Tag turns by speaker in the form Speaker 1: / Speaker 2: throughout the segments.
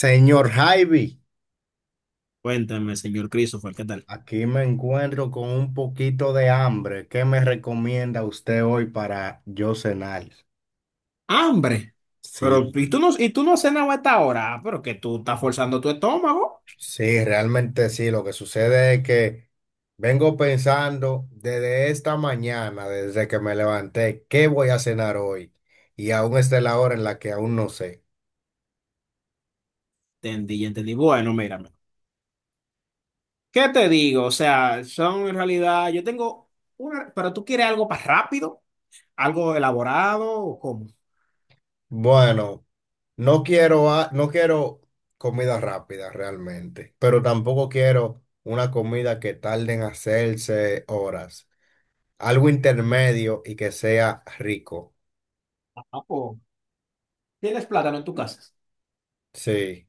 Speaker 1: Señor Javi,
Speaker 2: Cuéntame, señor Christopher, ¿qué tal?
Speaker 1: aquí me encuentro con un poquito de hambre. ¿Qué me recomienda usted hoy para yo cenar?
Speaker 2: ¡Hambre! Pero,
Speaker 1: Sí,
Speaker 2: ¿y tú no has cenado a esta hora? Ah, pero que tú estás forzando tu estómago.
Speaker 1: sí, realmente sí. Lo que sucede es que vengo pensando desde esta mañana, desde que me levanté, ¿qué voy a cenar hoy? Y aún está la hora en la que aún no sé.
Speaker 2: Entendí, entendí. Bueno, mírame. ¿Qué te digo? O sea, son en realidad, yo tengo una, pero tú quieres algo más rápido, algo elaborado, ¿o cómo?
Speaker 1: Bueno, no quiero, no quiero comida rápida realmente, pero tampoco quiero una comida que tarde en hacerse horas. Algo intermedio y que sea rico.
Speaker 2: Ah, pues, ¿tienes plátano en tu casa?
Speaker 1: Sí.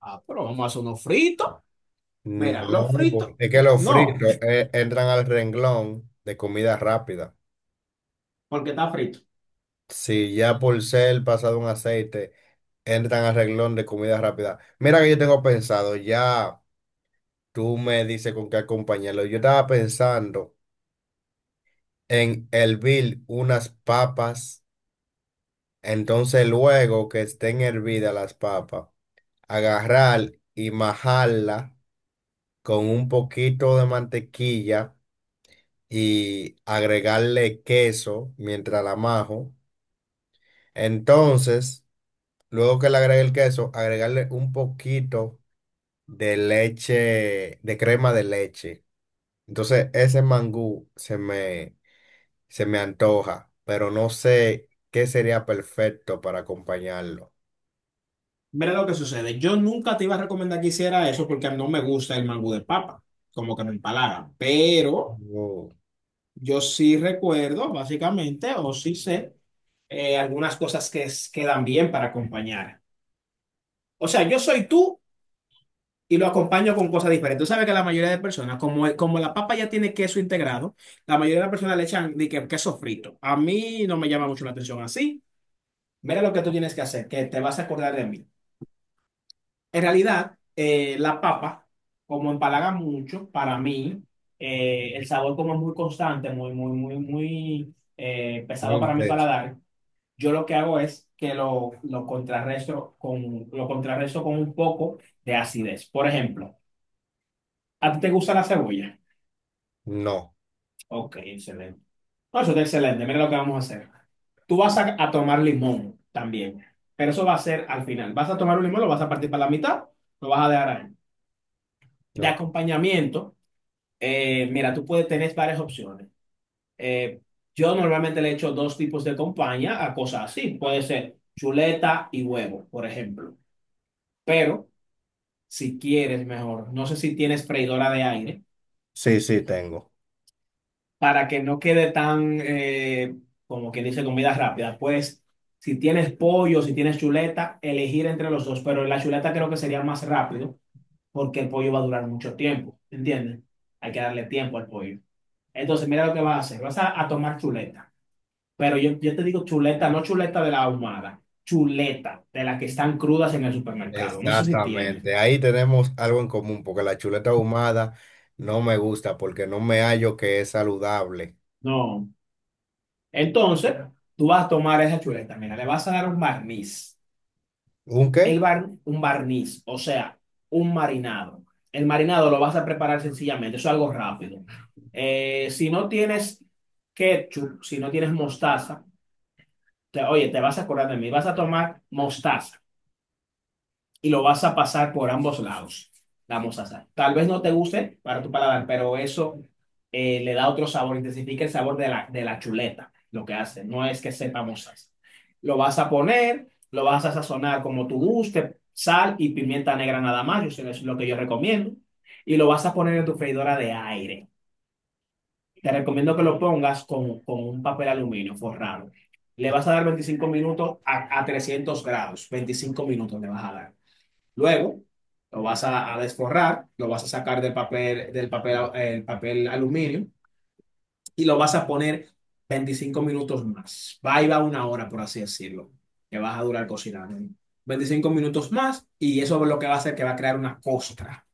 Speaker 2: Ah, pero vamos a hacer unos fritos.
Speaker 1: No,
Speaker 2: Mira, los fritos,
Speaker 1: porque es que los
Speaker 2: no,
Speaker 1: fritos entran al renglón de comida rápida.
Speaker 2: porque está frito.
Speaker 1: Si ya por ser pasado un aceite, entran al renglón de comida rápida. Mira que yo tengo pensado, ya tú me dices con qué acompañarlo. Yo estaba pensando en hervir unas papas, entonces luego que estén hervidas las papas, agarrar y majarla con un poquito de mantequilla y agregarle queso mientras la majo. Entonces, luego que le agregue el queso, agregarle un poquito de leche, de crema de leche. Entonces, ese mangú se me antoja, pero no sé qué sería perfecto para acompañarlo.
Speaker 2: Mira lo que sucede. Yo nunca te iba a recomendar que hiciera eso porque a mí no me gusta el mangú de papa, como que me empalaga. Pero
Speaker 1: Oh,
Speaker 2: yo sí recuerdo, básicamente, o sí sé, algunas cosas que quedan bien para acompañar. O sea, yo soy tú y lo acompaño con cosas diferentes. Tú sabes que la mayoría de personas, como la papa ya tiene queso integrado, la mayoría de las personas le echan de que queso frito. A mí no me llama mucho la atención así. Mira lo que tú tienes que hacer, que te vas a acordar de mí. En realidad, la papa, como empalaga mucho, para mí, el sabor como es muy constante, muy, muy, muy, muy
Speaker 1: muy
Speaker 2: pesado para mi
Speaker 1: intenso.
Speaker 2: paladar, yo lo que hago es que lo contrarresto con un poco de acidez. Por ejemplo, ¿a ti te gusta la cebolla?
Speaker 1: No,
Speaker 2: Ok, excelente. No, eso está excelente. Mira lo que vamos a hacer. Tú vas a tomar limón también, pero eso va a ser al final. Vas a tomar un limón, lo vas a partir para la mitad, lo vas a dejar ahí. De
Speaker 1: no.
Speaker 2: acompañamiento. Mira, tú puedes tener varias opciones. Eh, yo normalmente le echo dos tipos de compañía a cosas así. Puede ser chuleta y huevo, por ejemplo. Pero si quieres mejor, no sé si tienes freidora de aire,
Speaker 1: Sí, sí, tengo.
Speaker 2: para que no quede tan, como que dice, comida rápida. Pues si tienes pollo, si tienes chuleta, elegir entre los dos. Pero la chuleta creo que sería más rápido porque el pollo va a durar mucho tiempo. ¿Entiendes? Hay que darle tiempo al pollo. Entonces, mira lo que vas a hacer. Vas a tomar chuleta. Pero yo te digo chuleta, no chuleta de la ahumada, chuleta de las que están crudas en el supermercado. No sé si tienes.
Speaker 1: Exactamente. Ahí tenemos algo en común, porque la chuleta ahumada no me gusta, porque no me hallo que es saludable.
Speaker 2: No. Entonces, tú vas a tomar esa chuleta, mira, le vas a dar un barniz.
Speaker 1: ¿Un qué?
Speaker 2: Un barniz, o sea, un marinado. El marinado lo vas a preparar sencillamente, eso es algo rápido. Si no tienes ketchup, si no tienes mostaza, oye, te vas a acordar de mí, vas a tomar mostaza. Y lo vas a pasar por ambos lados. La mostaza. Tal vez no te guste para tu paladar, pero eso le da otro sabor, intensifica el sabor de la chuleta, lo que hace. No es que sepa mostaza. Lo vas a poner, lo vas a sazonar como tú guste, sal y pimienta negra nada más, yo eso es lo que yo recomiendo. Y lo vas a poner en tu freidora de aire. Te recomiendo que lo pongas con un papel aluminio forrado. Le vas a dar 25 minutos a 300 grados. 25 minutos le vas a dar. Luego, lo vas a desforrar, lo vas a sacar el papel aluminio y lo vas a poner 25 minutos más. Va y va una hora, por así decirlo, que vas a durar cocinando. 25 minutos más y eso es lo que va a hacer que va a crear una costra.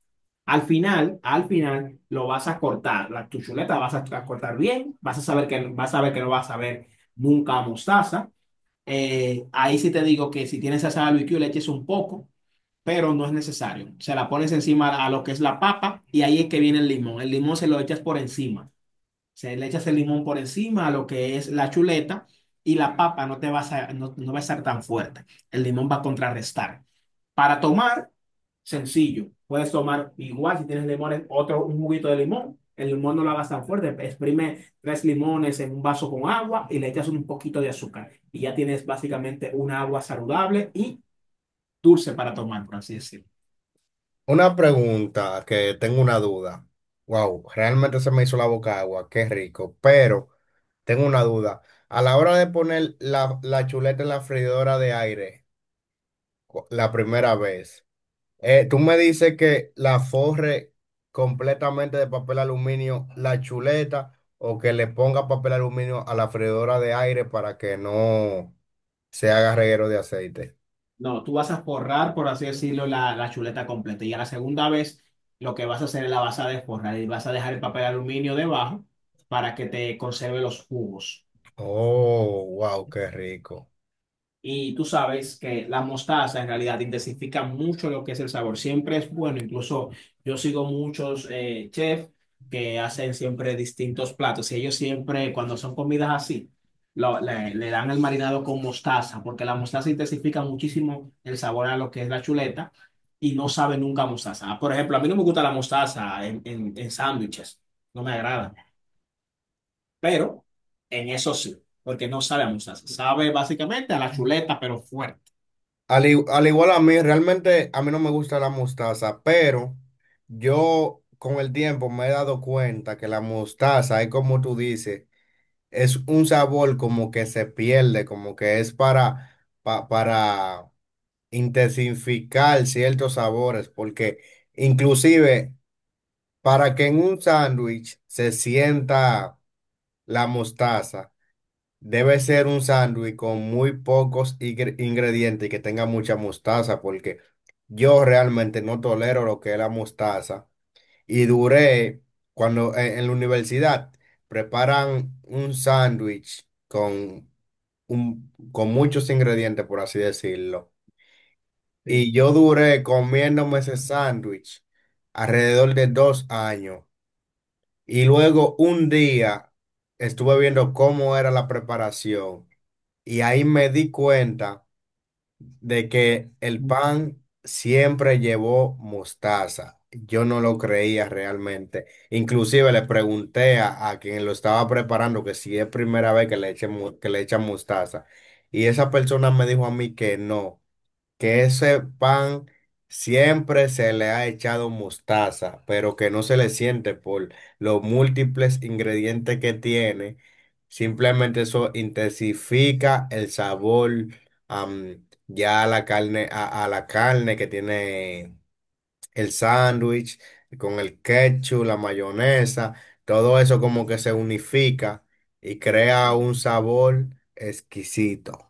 Speaker 2: Al final, lo vas a cortar. Tu chuleta vas a cortar bien, vas a ver que no vas a ver nunca mostaza. Ahí sí te digo que si tienes salsa de barbecue le eches un poco, pero no es necesario. Se la pones encima a lo que es la papa y ahí es que viene el limón. El limón se lo echas por encima. Se le echas el limón por encima a lo que es la chuleta y la papa no te va a, sa- no, no va a estar tan fuerte. El limón va a contrarrestar. Para tomar, sencillo. Puedes tomar igual si tienes limones, otro, un juguito de limón. El limón no lo hagas tan fuerte. Exprime tres limones en un vaso con agua y le echas un poquito de azúcar. Y ya tienes básicamente una agua saludable y dulce para tomar, por así decirlo.
Speaker 1: Una pregunta que tengo una duda. Wow, realmente se me hizo la boca agua, qué rico. Pero tengo una duda. A la hora de poner la chuleta en la freidora de aire, la primera vez. Tú me dices que la forre completamente de papel aluminio, la chuleta, o que le ponga papel aluminio a la freidora de aire para que no se haga reguero de aceite.
Speaker 2: No, tú vas a forrar, por así decirlo, la chuleta completa. Y a la segunda vez, lo que vas a hacer es la vas a desforrar y vas a dejar el papel de aluminio debajo para que te conserve los jugos.
Speaker 1: Oh, wow, qué rico.
Speaker 2: Y tú sabes que la mostaza en realidad intensifica mucho lo que es el sabor. Siempre es bueno. Incluso yo sigo muchos chefs que hacen siempre distintos platos. Y ellos siempre, cuando son comidas así, le dan el marinado con mostaza, porque la mostaza intensifica muchísimo el sabor a lo que es la chuleta y no sabe nunca a mostaza. Por ejemplo, a mí no me gusta la mostaza en sándwiches. No me agrada. Pero en eso sí, porque no sabe a mostaza. Sabe básicamente a la chuleta, pero fuerte.
Speaker 1: Al, al igual a mí, realmente a mí no me gusta la mostaza, pero yo con el tiempo me he dado cuenta que la mostaza es como tú dices. Es un sabor como que se pierde, como que es para, para intensificar ciertos sabores, porque inclusive para que en un sándwich se sienta la mostaza, debe ser un sándwich con muy pocos ingredientes y que tenga mucha mostaza, porque yo realmente no tolero lo que es la mostaza y duré cuando en la universidad preparan un sándwich con con muchos ingredientes, por así decirlo.
Speaker 2: Sí.
Speaker 1: Y yo duré comiéndome ese sándwich alrededor de 2 años. Y luego un día estuve viendo cómo era la preparación. Y ahí me di cuenta de que el pan siempre llevó mostaza. Yo no lo creía realmente. Inclusive le pregunté a quien lo estaba preparando que si es primera vez que le que le echan mostaza. Y esa persona me dijo a mí que no, que ese pan siempre se le ha echado mostaza, pero que no se le siente por los múltiples ingredientes que tiene. Simplemente eso intensifica el sabor ya a la carne, a la carne que tiene el sándwich, con el ketchup, la mayonesa, todo eso como que se unifica y crea un sabor exquisito.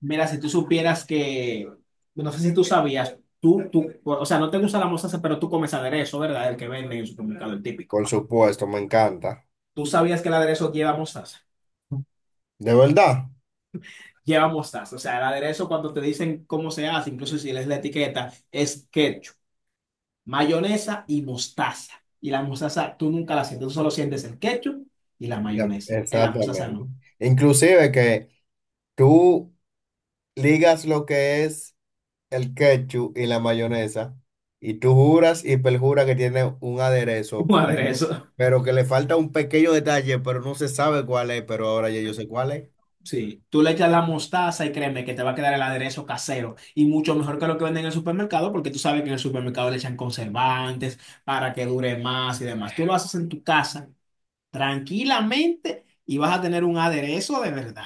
Speaker 2: Mira, si tú supieras que, no sé si tú sabías, tú, o sea, no te gusta la mostaza, pero tú comes aderezo, ¿verdad? El que venden en el supermercado, el típico.
Speaker 1: Por supuesto, me encanta.
Speaker 2: ¿Tú sabías que el aderezo lleva mostaza?
Speaker 1: De verdad.
Speaker 2: Lleva mostaza. O sea, el aderezo cuando te dicen cómo se hace, incluso si lees la etiqueta, es ketchup, mayonesa y mostaza. Y la mostaza tú nunca la sientes, tú solo sientes el ketchup y la
Speaker 1: La-
Speaker 2: mayonesa. En la mostaza
Speaker 1: Exactamente.
Speaker 2: no.
Speaker 1: Inclusive que tú ligas lo que es el ketchup y la mayonesa y tú juras y perjuras que tiene un aderezo,
Speaker 2: Un aderezo.
Speaker 1: pero que le falta un pequeño detalle, pero no se sabe cuál es, pero ahora ya yo sé cuál es.
Speaker 2: Sí, tú le echas la mostaza y créeme que te va a quedar el aderezo casero y mucho mejor que lo que venden en el supermercado porque tú sabes que en el supermercado le echan conservantes para que dure más y demás. Tú lo haces en tu casa tranquilamente y vas a tener un aderezo de verdad,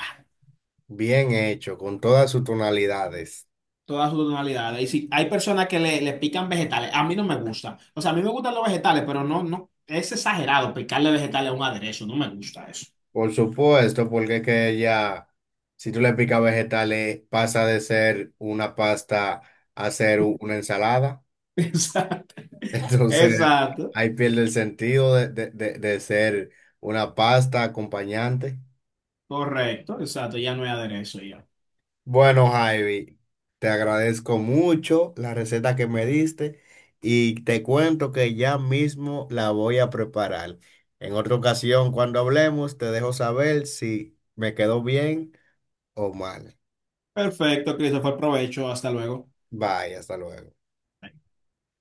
Speaker 1: Bien hecho, con todas sus tonalidades.
Speaker 2: todas sus tonalidades. Y si hay personas que le pican vegetales, a mí no me gusta. O sea, a mí me gustan los vegetales, pero no, no, es exagerado picarle vegetales a un aderezo, no me gusta eso.
Speaker 1: Por supuesto, porque es que ya, si tú le picas vegetales, pasa de ser una pasta a ser una ensalada.
Speaker 2: Exacto,
Speaker 1: Entonces,
Speaker 2: exacto,
Speaker 1: ahí pierde el sentido de, de ser una pasta acompañante.
Speaker 2: correcto, exacto, ya no hay aderezo ya.
Speaker 1: Bueno, Javi, te agradezco mucho la receta que me diste y te cuento que ya mismo la voy a preparar. En otra ocasión, cuando hablemos, te dejo saber si me quedó bien o mal.
Speaker 2: Perfecto, Christopher, provecho. Hasta luego.
Speaker 1: Bye, hasta luego.